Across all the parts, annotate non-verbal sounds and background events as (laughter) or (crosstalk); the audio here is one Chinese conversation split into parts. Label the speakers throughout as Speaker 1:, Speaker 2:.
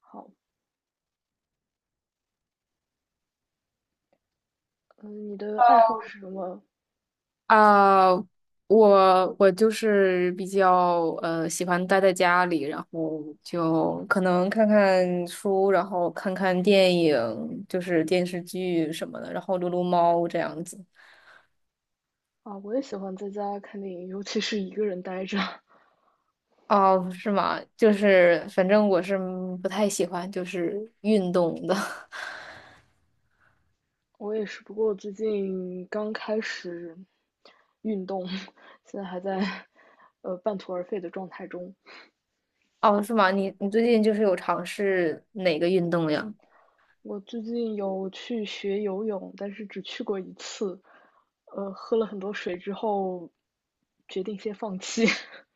Speaker 1: 好，嗯，你的爱好是什么
Speaker 2: 啊，我就是比较喜欢待在家里，然后就可能看看书，然后看看电影，就是电视剧什么的，然后撸撸猫这样子。
Speaker 1: 啊？我也喜欢在家看电影，尤其是一个人呆着。(laughs)
Speaker 2: 哦，是吗？就是反正我是不太喜欢就是运动的。(laughs)
Speaker 1: 我也是，不过我最近刚开始运动，(laughs) 现在还在半途而废的状态中。
Speaker 2: 哦，是吗？你最近就是有尝试哪个运动呀？
Speaker 1: 我最近有去学游泳，但是只去过一次，喝了很多水之后，决定先放弃。(laughs)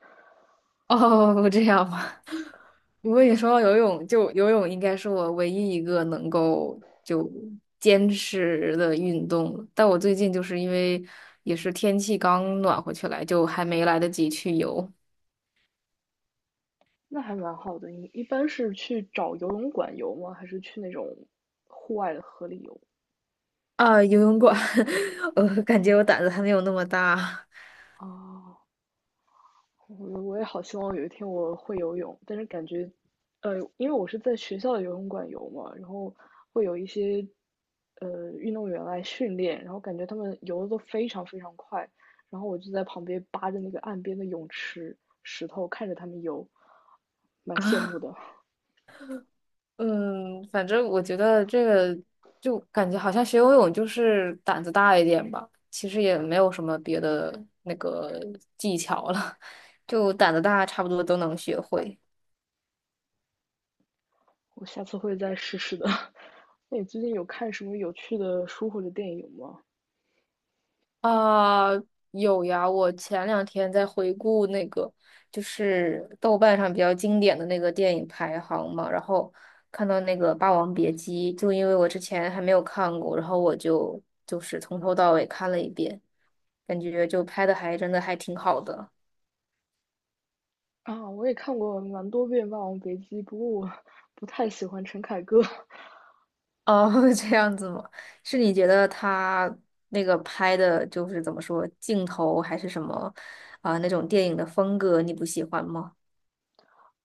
Speaker 2: (laughs) 哦，这样吗？我果你说到游泳，就游泳应该是我唯一一个能够就坚持的运动了。但我最近就是因为也是天气刚暖和起来，就还没来得及去游
Speaker 1: 那还蛮好的。你一般是去找游泳馆游吗？还是去那种户外的河里游？
Speaker 2: 啊，游泳馆，(laughs) 我感觉我胆子还没有那么大
Speaker 1: 啊，我也好希望有一天我会游泳，但是感觉，因为我是在学校的游泳馆游嘛，然后会有一些运动员来训练，然后感觉他们游的都非常非常快，然后我就在旁边扒着那个岸边的泳池石头看着他们游，蛮羡慕
Speaker 2: 啊。
Speaker 1: 的。
Speaker 2: 嗯，反正我觉得这个就感觉好像学游泳就是胆子大一点吧，其实也没有什么别的那个技巧了，就胆子大，差不多都能学会。
Speaker 1: 我下次会再试试的。(laughs) 那你最近有看什么有趣的书或者电影吗？
Speaker 2: 啊，有呀，我前两天在回顾那个，就是豆瓣上比较经典的那个电影排行嘛，然后看到那个《霸王别姬》，就因为我之前还没有看过，然后我就从头到尾看了一遍，感觉就拍的还真的还挺好的。
Speaker 1: 啊，我也看过蛮多遍《霸王别姬》，不过我 (laughs) 不太喜欢陈凯歌。(laughs)
Speaker 2: 哦，(laughs) 这样子吗？是你觉得他那个拍的就是怎么说，镜头还是什么啊，那种电影的风格你不喜欢吗？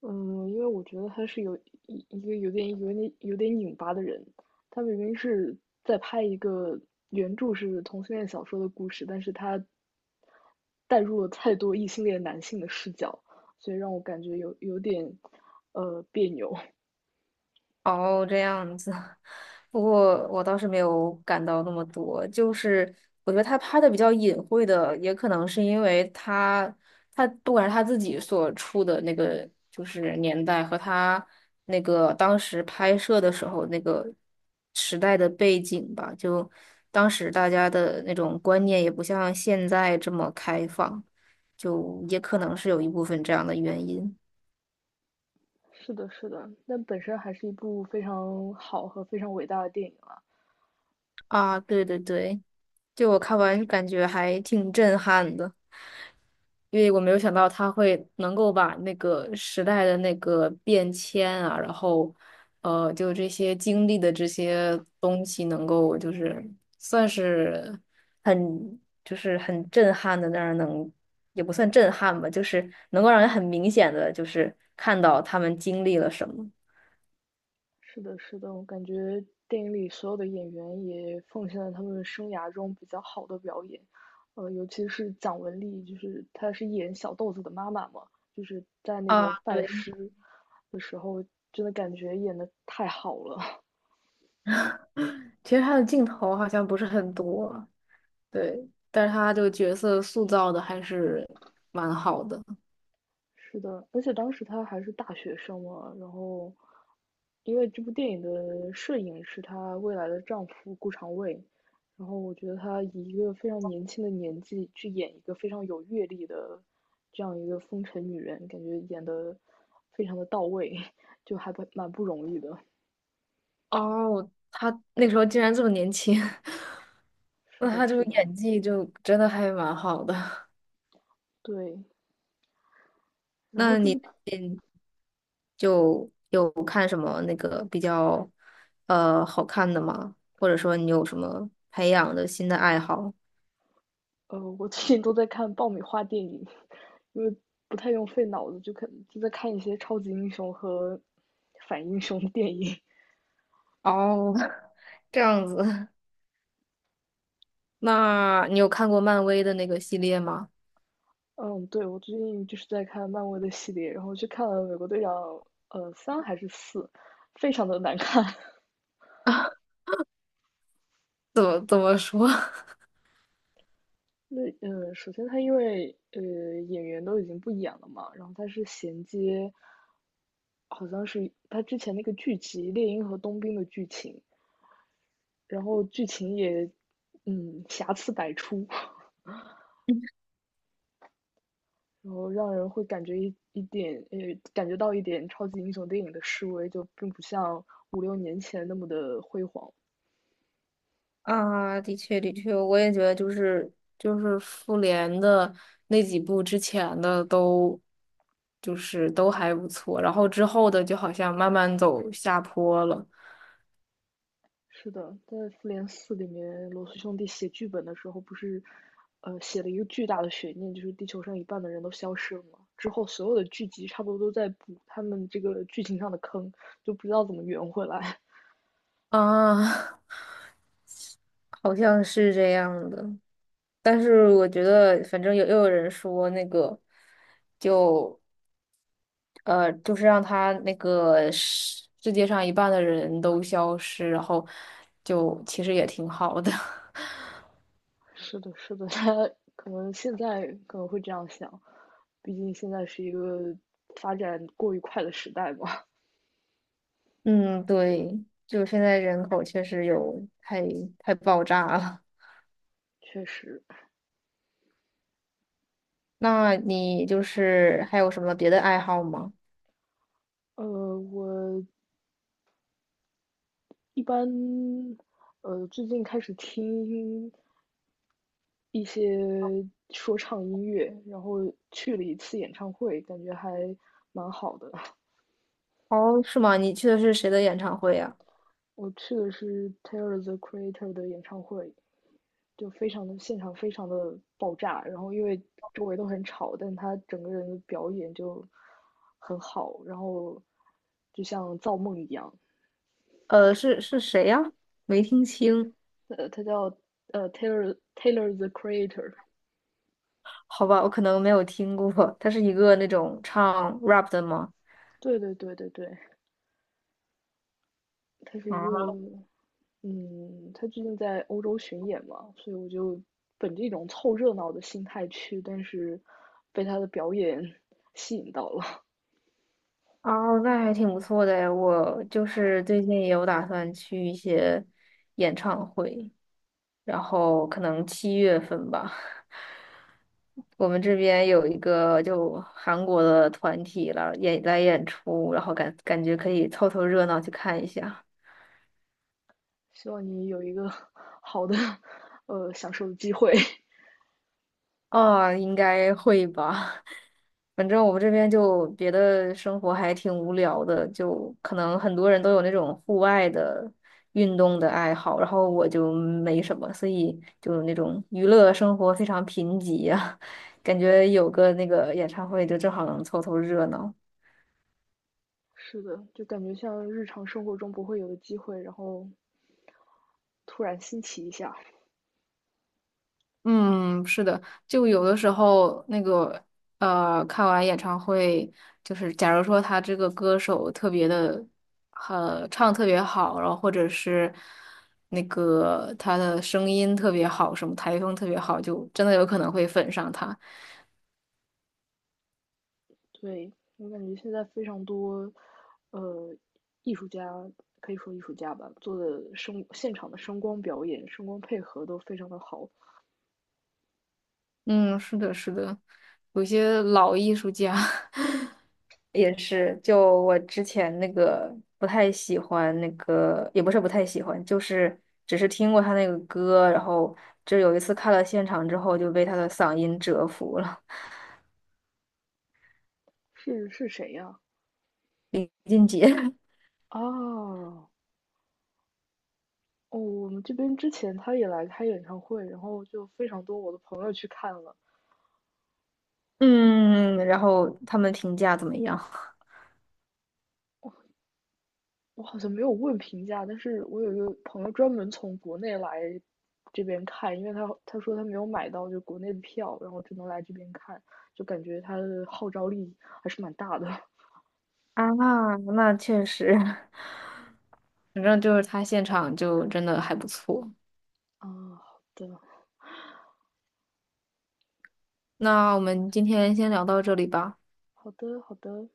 Speaker 1: 嗯，因为我觉得他是有一个有点拧巴的人，他明明是在拍一个原著是同性恋小说的故事，但是他带入了太多异性恋男性的视角，所以让我感觉有点别扭。
Speaker 2: 哦，这样子。不过我倒是没有感到那么多，就是我觉得他拍的比较隐晦的，也可能是因为他不管是他自己所处的那个就是年代和他那个当时拍摄的时候那个时代的背景吧，就当时大家的那种观念也不像现在这么开放，就也可能是有一部分这样的原因。
Speaker 1: (laughs) 是的，是的，但本身还是一部非常好和非常伟大的电影啊。
Speaker 2: 啊，对对对，就我看完感觉还挺震撼的，因为我没有想到他会能够把那个时代的那个变迁啊，然后就这些经历的这些东西，能够就是算是很就是很震撼的那儿能，也不算震撼吧，就是能够让人很明显的就是看到他们经历了什么。
Speaker 1: 是的，是的，我感觉电影里所有的演员也奉献了他们生涯中比较好的表演，呃，尤其是蒋雯丽，就是她是演小豆子的妈妈嘛，就是在那个
Speaker 2: 啊，
Speaker 1: 拜
Speaker 2: 对，
Speaker 1: 师的时候，真的感觉演的太好了。
Speaker 2: 其实他的镜头好像不是很多。对，但是他这个角色塑造的还是蛮好的。
Speaker 1: 是的，而且当时她还是大学生嘛，然后，因为这部电影的摄影是她未来的丈夫顾长卫，然后我觉得她以一个非常年轻的年纪去演一个非常有阅历的这样一个风尘女人，感觉演的非常的到位，(laughs) 就还蛮不容易的。
Speaker 2: 哦，他那时候竟然这么年轻。(laughs)
Speaker 1: 是
Speaker 2: 那
Speaker 1: 的，
Speaker 2: 他这
Speaker 1: 是
Speaker 2: 个
Speaker 1: 的，
Speaker 2: 演技就真的还蛮好的。(laughs)
Speaker 1: 对。然后
Speaker 2: 那
Speaker 1: 这
Speaker 2: 你
Speaker 1: 部
Speaker 2: 最近就有看什么那个比较好看的吗？或者说你有什么培养的新的爱好？
Speaker 1: 我最近都在看爆米花电影，(laughs) 因为不太用费脑子，就在看一些超级英雄和反英雄的电影。
Speaker 2: 哦，(laughs) 这样子。(laughs) 那你有看过漫威的那个系列吗？
Speaker 1: (laughs) 嗯，对，我最近就是在看漫威的系列，然后去看了《美国队长》三还是四，非常的难看。(laughs)
Speaker 2: (laughs) 怎么说？(laughs)
Speaker 1: 那首先他因为演员都已经不演了嘛，然后他是衔接，好像是他之前那个剧集《猎鹰和冬兵》的剧情，然后剧情也瑕疵百出。然后让人会感觉一一点，呃，感觉到一点超级英雄电影的示威，就并不像五六年前那么的辉煌。
Speaker 2: 啊，的确，的确，我也觉得就是复联的那几部之前的都就是都还不错，然后之后的就好像慢慢走下坡了
Speaker 1: 是的，在《复联四》里面，罗素兄弟写剧本的时候，不是，呃，写了一个巨大的悬念，就是地球上一半的人都消失了嘛。之后所有的剧集差不多都在补他们这个剧情上的坑，就不知道怎么圆回来。
Speaker 2: 啊。(laughs) 好像是这样的。但是我觉得，反正有人说那个，就就是让他那个世界上一半的人都消失，然后就其实也挺好的。(laughs)
Speaker 1: (laughs) 是的，是的，(laughs) 他现在可能会这样想，毕竟现在是一个发展过于快的时代嘛。
Speaker 2: 嗯，对，就现在人口确实太爆炸了。
Speaker 1: 确实，
Speaker 2: 那你就是还有什么别的爱好吗？
Speaker 1: 我一般，最近开始听一些说唱音乐，然后去了一次演唱会，感觉还蛮好的。(laughs)
Speaker 2: 哦，是吗？你去的是谁的演唱会呀？
Speaker 1: 我去的是 Taylor the Creator 的演唱会，就非常的现场非常的爆炸，然后因为周围都很吵，但他整个人的表演就很好，然后就像造梦一样。
Speaker 2: 是谁呀？没听清。
Speaker 1: 他叫Taylor the Creator。
Speaker 2: 好吧，我可能没有听过。他是一个那种唱 rap 的吗？
Speaker 1: 对对对对对，他是一
Speaker 2: 啊，
Speaker 1: 个，嗯，他最近在欧洲巡演嘛，所以我就本着一种凑热闹的心态去，但是被他的表演 (laughs) 吸引到了。
Speaker 2: 哦，那还挺不错的诶。我就是最近也有打算去一些演唱会。然后可能七月份吧。我们这边有一个就韩国的团体了，演来演出，然后感觉可以凑凑热闹去看一下。
Speaker 1: (laughs) 希望你有一个 (laughs) 好的，享受的机会。(laughs)
Speaker 2: 哦，应该会吧。反正我们这边就别的生活还挺无聊的，就可能很多人都有那种户外的运动的爱好，然后我就没什么，所以就那种娱乐生活非常贫瘠呀、(laughs) 感觉有个那个演唱会就正好能凑凑热闹。
Speaker 1: 是的，就感觉像日常生活中不会有的机会，然后突然新奇一下。
Speaker 2: 嗯，是的，就有的时候那个看完演唱会，就是假如说他这个歌手特别的，唱特别好，然后或者是那个他的声音特别好，什么台风特别好，就真的有可能会粉上他。
Speaker 1: 对，我感觉现在非常多，呃，艺术家可以说艺术家吧，做的现场的声光表演、声光配合都非常的好。
Speaker 2: 嗯，是的，是的，有些老艺术家 (laughs) 也是，就我之前那个不太喜欢那个，也不是不太喜欢，就是只是听过他那个歌，然后就有一次看了现场之后就被他的嗓音折服了，
Speaker 1: 是是谁呀？
Speaker 2: 李俊杰。(laughs)
Speaker 1: 啊，哦，我们这边之前他也来开演唱会，然后就非常多我的朋友去看了。
Speaker 2: 嗯，然后他们评价怎么样？
Speaker 1: 我好像没有问评价，但是我有一个朋友专门从国内来这边看，因为他说他没有买到就国内的票，然后只能来这边看，就感觉他的号召力还是蛮大的。
Speaker 2: 啊，那确实。(laughs) 反正就是他现场就真的还不错。
Speaker 1: 哦，好的，
Speaker 2: 那我们今天先聊到这里吧。
Speaker 1: 好的，好的。